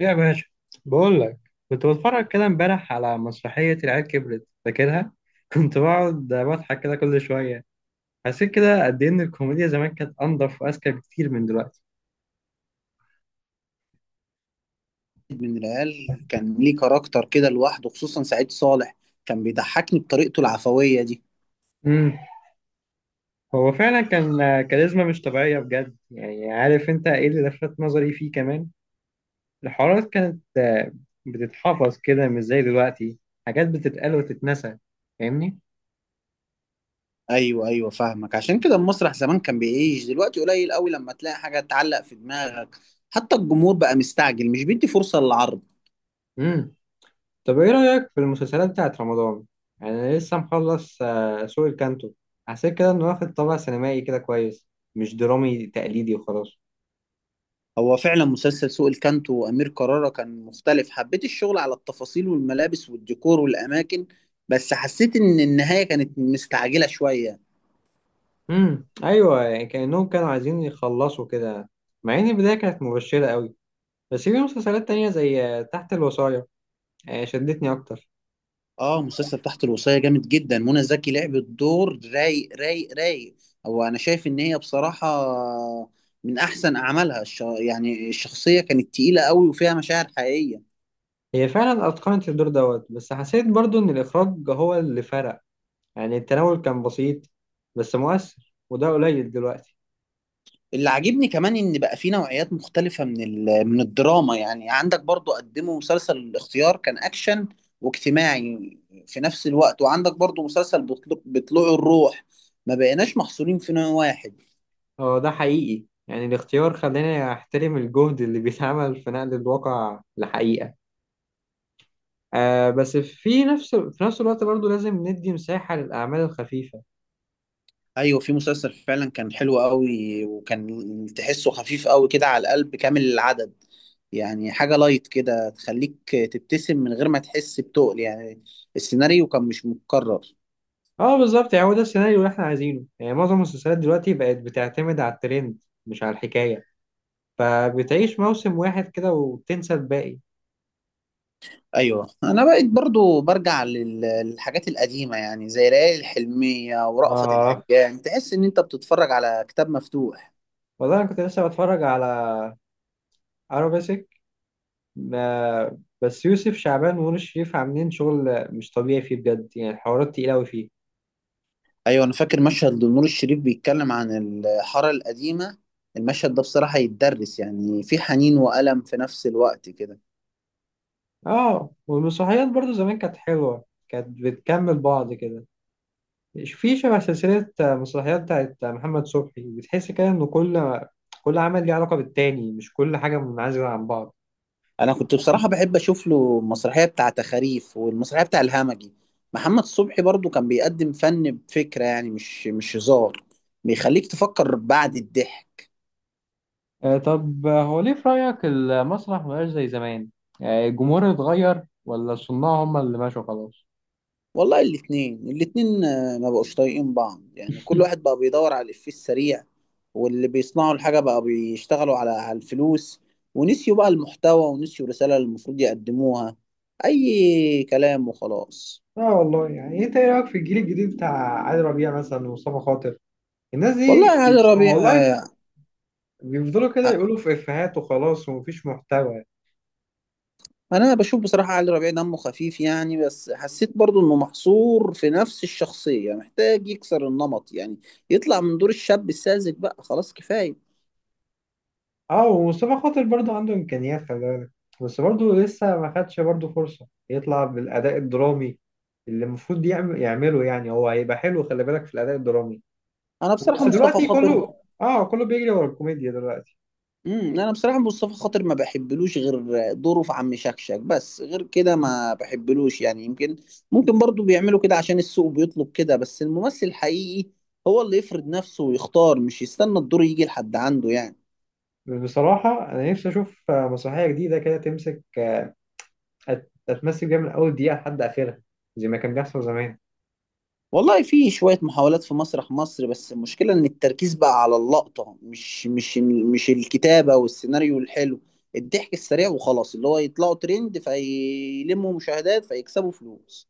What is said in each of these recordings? يا باشا، بقول لك. كنت بتفرج كده امبارح على مسرحية العيال كبرت فاكرها كنت بقعد بضحك كده كل شوية. حسيت كده قد إيه إن الكوميديا زمان كانت أنضف وأذكى بكتير من دلوقتي. من العيال كان ليه كاركتر كده لوحده، خصوصا سعيد صالح. كان بيضحكني بطريقته العفوية دي. امم هو فعلا كان كاريزما مش طبيعية بجد. يعني عارف أنت إيه اللي لفت نظري فيه كمان؟ الحوارات كانت بتتحفظ كده، مش زي دلوقتي. حاجات بتتقال وتتنسى. فاهمني؟ ايوه ايوه، فاهمك. عشان كده المسرح زمان كان بيعيش. دلوقتي قليل قوي لما تلاقي حاجة تعلق في دماغك. حتى الجمهور بقى مستعجل، مش بيدي فرصة للعرض. طب ايه رأيك في المسلسلات بتاعت رمضان؟ يعني انا لسه مخلص سوق الكانتو. حسيت كده انه واخد طابع سينمائي كده كويس. مش درامي تقليدي وخلاص. هو فعلا مسلسل سوق الكانتو وأمير كرارة كان مختلف. حبيت الشغل على التفاصيل والملابس والديكور والأماكن، بس حسيت إن النهاية كانت مستعجلة شوية. ايوه، يعني كأنهم كانوا عايزين يخلصوا كده. مع ان البداية كانت مبشرة قوي. بس في مسلسلات تانية زي تحت الوصاية، شدتني اكتر. اه، مسلسل تحت الوصية جامد جدا. منى زكي لعبت دور رايق رايق رايق. هو انا شايف ان هي بصراحة من احسن اعمالها. يعني الشخصية كانت تقيلة قوي وفيها مشاعر حقيقية. هي فعلا اتقنت الدور دوت، بس حسيت برضو ان الاخراج هو اللي فرق. يعني التناول كان بسيط، بس مؤثر، وده قليل دلوقتي. اللي عاجبني كمان ان بقى في نوعيات مختلفة من من الدراما. يعني عندك برضو قدموا مسلسل الاختيار، كان اكشن واجتماعي في نفس الوقت، وعندك برضو مسلسل بطلوع الروح. ما بقيناش محصورين في نوع واحد. هو ده حقيقي. يعني الاختيار خلاني احترم الجهد اللي بيتعمل في نقل الواقع لحقيقة. بس في نفس الوقت برضو لازم ندي مساحة للأعمال الخفيفة. ايوه، في مسلسل فعلا كان حلو قوي وكان تحسه خفيف قوي كده على القلب، كامل العدد. يعني حاجه لايت كده تخليك تبتسم من غير ما تحس بتقل يعني. السيناريو كان مش متكرر. اه، بالظبط. يعني هو ده السيناريو اللي احنا عايزينه. يعني معظم المسلسلات دلوقتي بقت بتعتمد على الترند، مش على الحكاية. فبتعيش موسم واحد كده وتنسى الباقي. ايوه انا بقيت برضو برجع للحاجات القديمه، يعني زي ليالي الحلميه ورأفت اه، الهجان. تحس ان انت بتتفرج على كتاب مفتوح. والله أنا كنت لسه بتفرج على أرابيسك. آه، بس يوسف شعبان ونور الشريف عاملين شغل مش طبيعي فيه بجد. يعني الحوارات تقيلة أوي فيه. ايوه انا فاكر مشهد لنور الشريف بيتكلم عن الحاره القديمه. المشهد ده بصراحه يتدرس، يعني في حنين وألم في نفس الوقت كده. اه، والمسرحيات برضو زمان كانت حلوة، كانت بتكمل بعض كده. مش في شبه سلسلة مسرحيات بتاعت محمد صبحي، بتحس كده إن كل عمل ليه علاقة بالتاني، مش كل حاجة منعزلة عن بعض. انا كنت بصراحه بحب اشوف له المسرحيه بتاعه تخاريف والمسرحيه بتاع الهمجي. محمد صبحي برضو كان بيقدم فن بفكره، يعني مش هزار. بيخليك تفكر بعد الضحك. آه، طب هو ليه في رأيك المسرح مبقاش زي زمان؟ الجمهور اتغير ولا الصناع هم اللي ماشوا خلاص؟ والله الاتنين ما بقوش طايقين بعض. يعني كل واحد بقى بيدور على الإفيه السريع، واللي بيصنعوا الحاجه بقى بيشتغلوا على الفلوس. ونسيوا بقى المحتوى ونسيوا الرساله اللي المفروض يقدموها. اي كلام وخلاص. اه، والله، يعني انت ايه رايك في الجيل الجديد بتاع علي ربيع مثلا ومصطفى خاطر، الناس دي؟ والله يا علي ربيع والله بيفضلوا كده يقولوا في افيهات وخلاص ومفيش محتوى. انا بشوف بصراحه علي ربيع دمه خفيف يعني، بس حسيت برضو انه محصور في نفس الشخصيه، محتاج يكسر النمط يعني. يطلع من دور الشاب الساذج، بقى خلاص كفايه. اه، ومصطفى خاطر برضو عنده امكانيات، خلي بالك. بس برضو لسه ما خدش برضو فرصه يطلع بالاداء الدرامي اللي المفروض يعمل يعمله، يعني هو هيبقى حلو، خلي بالك في الاداء الدرامي. انا بصراحه بس مصطفى دلوقتي خاطر. كله بيجري ورا الكوميديا دلوقتي. انا بصراحه مصطفى خاطر ما بحبلوش غير دوره في عم شكشك، بس غير كده ما بحبلوش يعني. يمكن ممكن برضو بيعملوا كده عشان السوق بيطلب كده، بس الممثل الحقيقي هو اللي يفرض نفسه ويختار، مش يستنى الدور يجي لحد عنده يعني. بصراحه انا نفسي اشوف مسرحيه جديده كده تمسك، تتمثل بيها من اول دقيقه لحد اخرها، زي ما كان بيحصل زمان. والله في شوية محاولات في مسرح مصر، بس المشكلة إن التركيز بقى على اللقطة، مش الكتابة والسيناريو الحلو. الضحك السريع وخلاص، اللي هو يطلعوا ترند، فيلموا مشاهدات، فيكسبوا فلوس.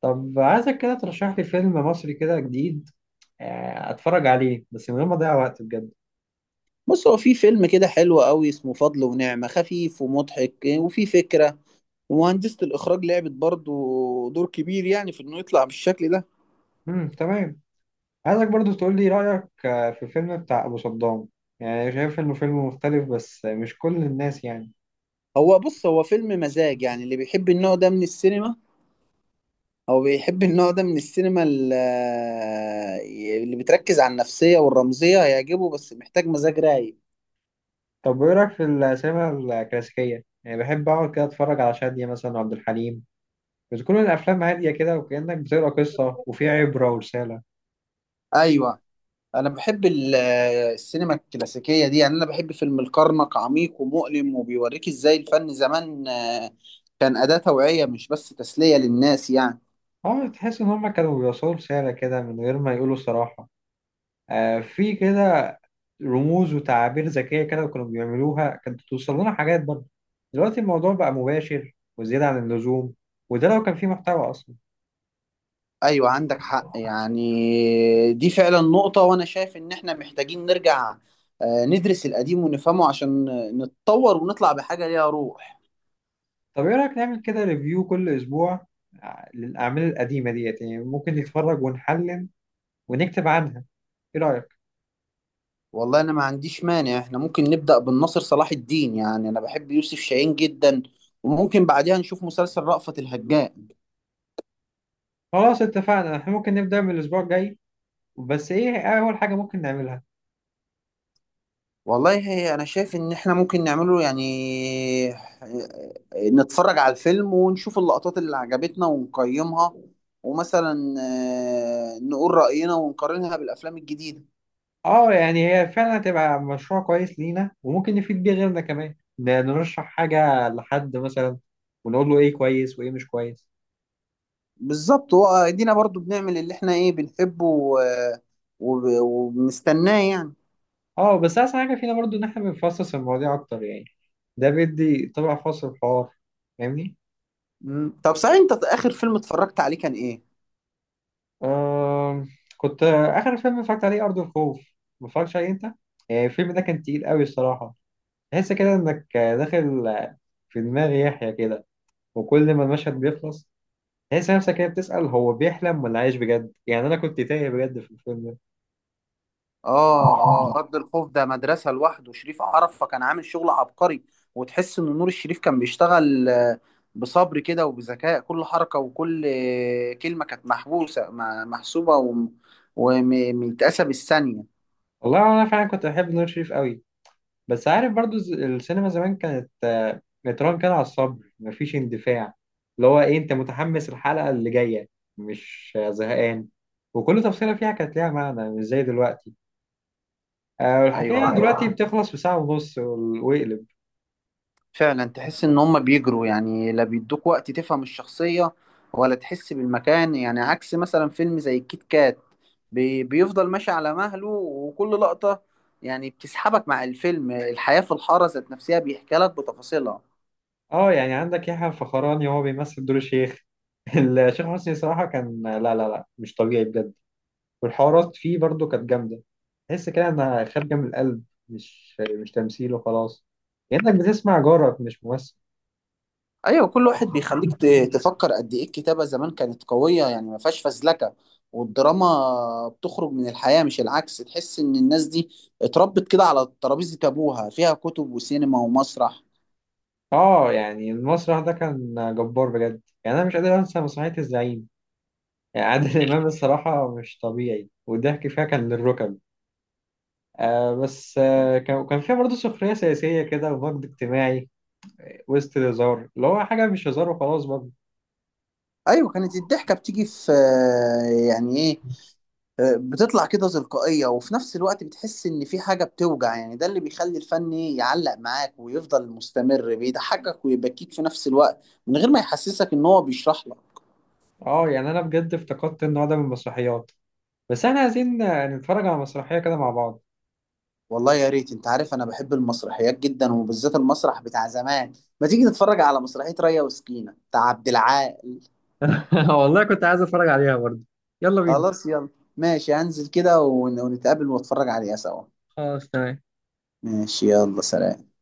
طب عايزك كده ترشح لي فيلم مصري كده جديد، اتفرج عليه بس من غير ما اضيع وقت بجد. بص، هو في فيلم كده حلو قوي اسمه فضل ونعمة. خفيف ومضحك وفي فكرة، ومهندسة الإخراج لعبت برضو دور كبير يعني في إنه يطلع بالشكل ده. تمام. عايزك برضو تقول لي رأيك في فيلم بتاع أبو صدام. يعني شايف إنه فيلم مختلف، بس مش كل الناس يعني. بص هو فيلم مزاج، يعني اللي بيحب النوع ده من السينما، هو بيحب النوع ده من السينما اللي بتركز على النفسية والرمزية هيعجبه، بس محتاج مزاج رايق. طب وإيه رأيك في السينما الكلاسيكية؟ يعني بحب أقعد كده أتفرج على شادية مثلا وعبد الحليم. بتكون الأفلام هادية كده، وكأنك بتقرأ قصة، وفي عبرة ورسالة. ايوه، انا بحب السينما الكلاسيكية دي. يعني انا بحب فيلم الكرنك، عميق ومؤلم وبيوريك ازاي الفن زمان كان أداة توعية مش بس تسلية للناس يعني. أه، تحس إن هما كانوا بيوصلوا رسالة كده من غير ما يقولوا صراحة. آه، في كده رموز وتعابير ذكية كده، وكانوا بيعملوها، كانت بتوصل لنا حاجات برضه. دلوقتي الموضوع بقى مباشر وزيادة عن اللزوم، وده لو كان فيه محتوى أصلا. ايوه عندك حق، يعني دي فعلا نقطة، وانا شايف ان احنا محتاجين نرجع ندرس القديم ونفهمه عشان نتطور ونطلع بحاجة ليها روح. طب ايه رأيك نعمل كده ريفيو كل اسبوع للأعمال القديمة ديت، يعني ممكن نتفرج ونحلل ونكتب عنها. ايه رأيك؟ والله انا ما عنديش مانع، احنا ممكن نبدأ بالناصر صلاح الدين، يعني انا بحب يوسف شاهين جدا، وممكن بعدها نشوف مسلسل رأفت الهجان. خلاص، اتفقنا. احنا ممكن نبدأ من الاسبوع الجاي، بس ايه اول حاجة ممكن نعملها؟ والله هي انا شايف ان احنا ممكن نعمله، يعني نتفرج على الفيلم ونشوف اللقطات اللي عجبتنا ونقيمها، ومثلا نقول رأينا ونقارنها بالافلام الجديدة. اه، يعني هي فعلا هتبقى مشروع كويس لينا، وممكن نفيد بيه غيرنا كمان، نرشح حاجة لحد مثلا، ونقول له ايه كويس وايه مش كويس. بالظبط، وادينا برضو بنعمل اللي احنا ايه بنحبه و وبنستناه يعني. اه، بس احسن حاجة فينا برضو ان احنا بنفصص المواضيع اكتر يعني. ده بيدي طبع خاص للحوار. فاهمني؟ مم. طب صحيح، انت اخر فيلم اتفرجت عليه كان ايه؟ آه، كنت آخر فيلم اتفرجت عليه أرض الخوف. ما اتفرجتش عليه أنت؟ الفيلم ده كان تقيل قوي الصراحة. تحس كده إنك داخل في دماغ يحيى كده. وكل ما المشهد بيخلص تحس نفسك كده بتسأل، هو بيحلم ولا عايش بجد؟ يعني أنا كنت تايه بجد في الفيلم ده. اه. اه، ارض الخوف ده مدرسه لوحده. شريف عرفه كان عامل شغل عبقري. وتحس ان نور الشريف كان بيشتغل بصبر كده وبذكاء. كل حركه وكل كلمه كانت محبوسه محسوبه وم- ومتقاسه بالثانيه. والله أنا فعلا كنت بحب نور شريف قوي. بس عارف برضو السينما زمان كانت متران كده على الصبر، مفيش اندفاع. اللي هو ايه، انت متحمس الحلقة اللي جاية، مش زهقان. وكل تفصيلة فيها كانت ليها معنى، مش زي دلوقتي. والحكاية يعني ايوه دلوقتي بتخلص في ساعة ونص واقلب. فعلا، تحس ان هم بيجروا يعني. لا بيدوك وقت تفهم الشخصيه ولا تحس بالمكان، يعني عكس مثلا فيلم زي الكيت كات. بيفضل ماشي على مهله، وكل لقطة يعني بتسحبك مع الفيلم. الحياة في الحارة ذات نفسها بيحكي لك بتفاصيلها. اه، يعني عندك يحيى الفخراني وهو بيمثل دور الشيخ. الشيخ حسني صراحة كان لا لا لا مش طبيعي بجد. والحوارات فيه برضو كانت جامدة، تحس كده انها خارجة من القلب، مش تمثيل وخلاص. كأنك بتسمع جارك، مش ممثل. ايوه، كل واحد بيخليك تفكر قد ايه الكتابة زمان كانت قوية، يعني ما فيهاش فزلكة، والدراما بتخرج من الحياة مش العكس. تحس ان الناس دي اتربت كده على ترابيزة ابوها فيها كتب وسينما ومسرح. اه، يعني المسرح ده كان جبار بجد، يعني انا مش قادر انسى مسرحية الزعيم. يعني عادل امام، الصراحة مش طبيعي، والضحك فيها كان للركب. آه، بس كان فيها برضه سخرية سياسية كده، ومجد اجتماعي وسط الهزار، اللي هو حاجة مش هزار وخلاص برضه. ايوه كانت الضحكة بتيجي في، يعني ايه، بتطلع كده تلقائية، وفي نفس الوقت بتحس إن في حاجة بتوجع يعني. ده اللي بيخلي الفن يعلق معاك ويفضل مستمر، بيضحكك ويبكيك في نفس الوقت من غير ما يحسسك إن هو بيشرح لك. اه، يعني انا بجد افتقدت النوع ده من المسرحيات. بس احنا عايزين نتفرج على مسرحية كده مع بعض. والله يا ريت، أنت عارف أنا بحب المسرحيات جدا وبالذات المسرح بتاع زمان. ما تيجي تتفرج على مسرحية ريا وسكينة بتاع عبد العال. والله كنت عايز اتفرج عليها برضه. يلا بينا. خلاص يلا. ماشي، هنزل كده ون- ونتقابل واتفرج عليها سوا. خلاص، تمام. ماشي، يلا سلام.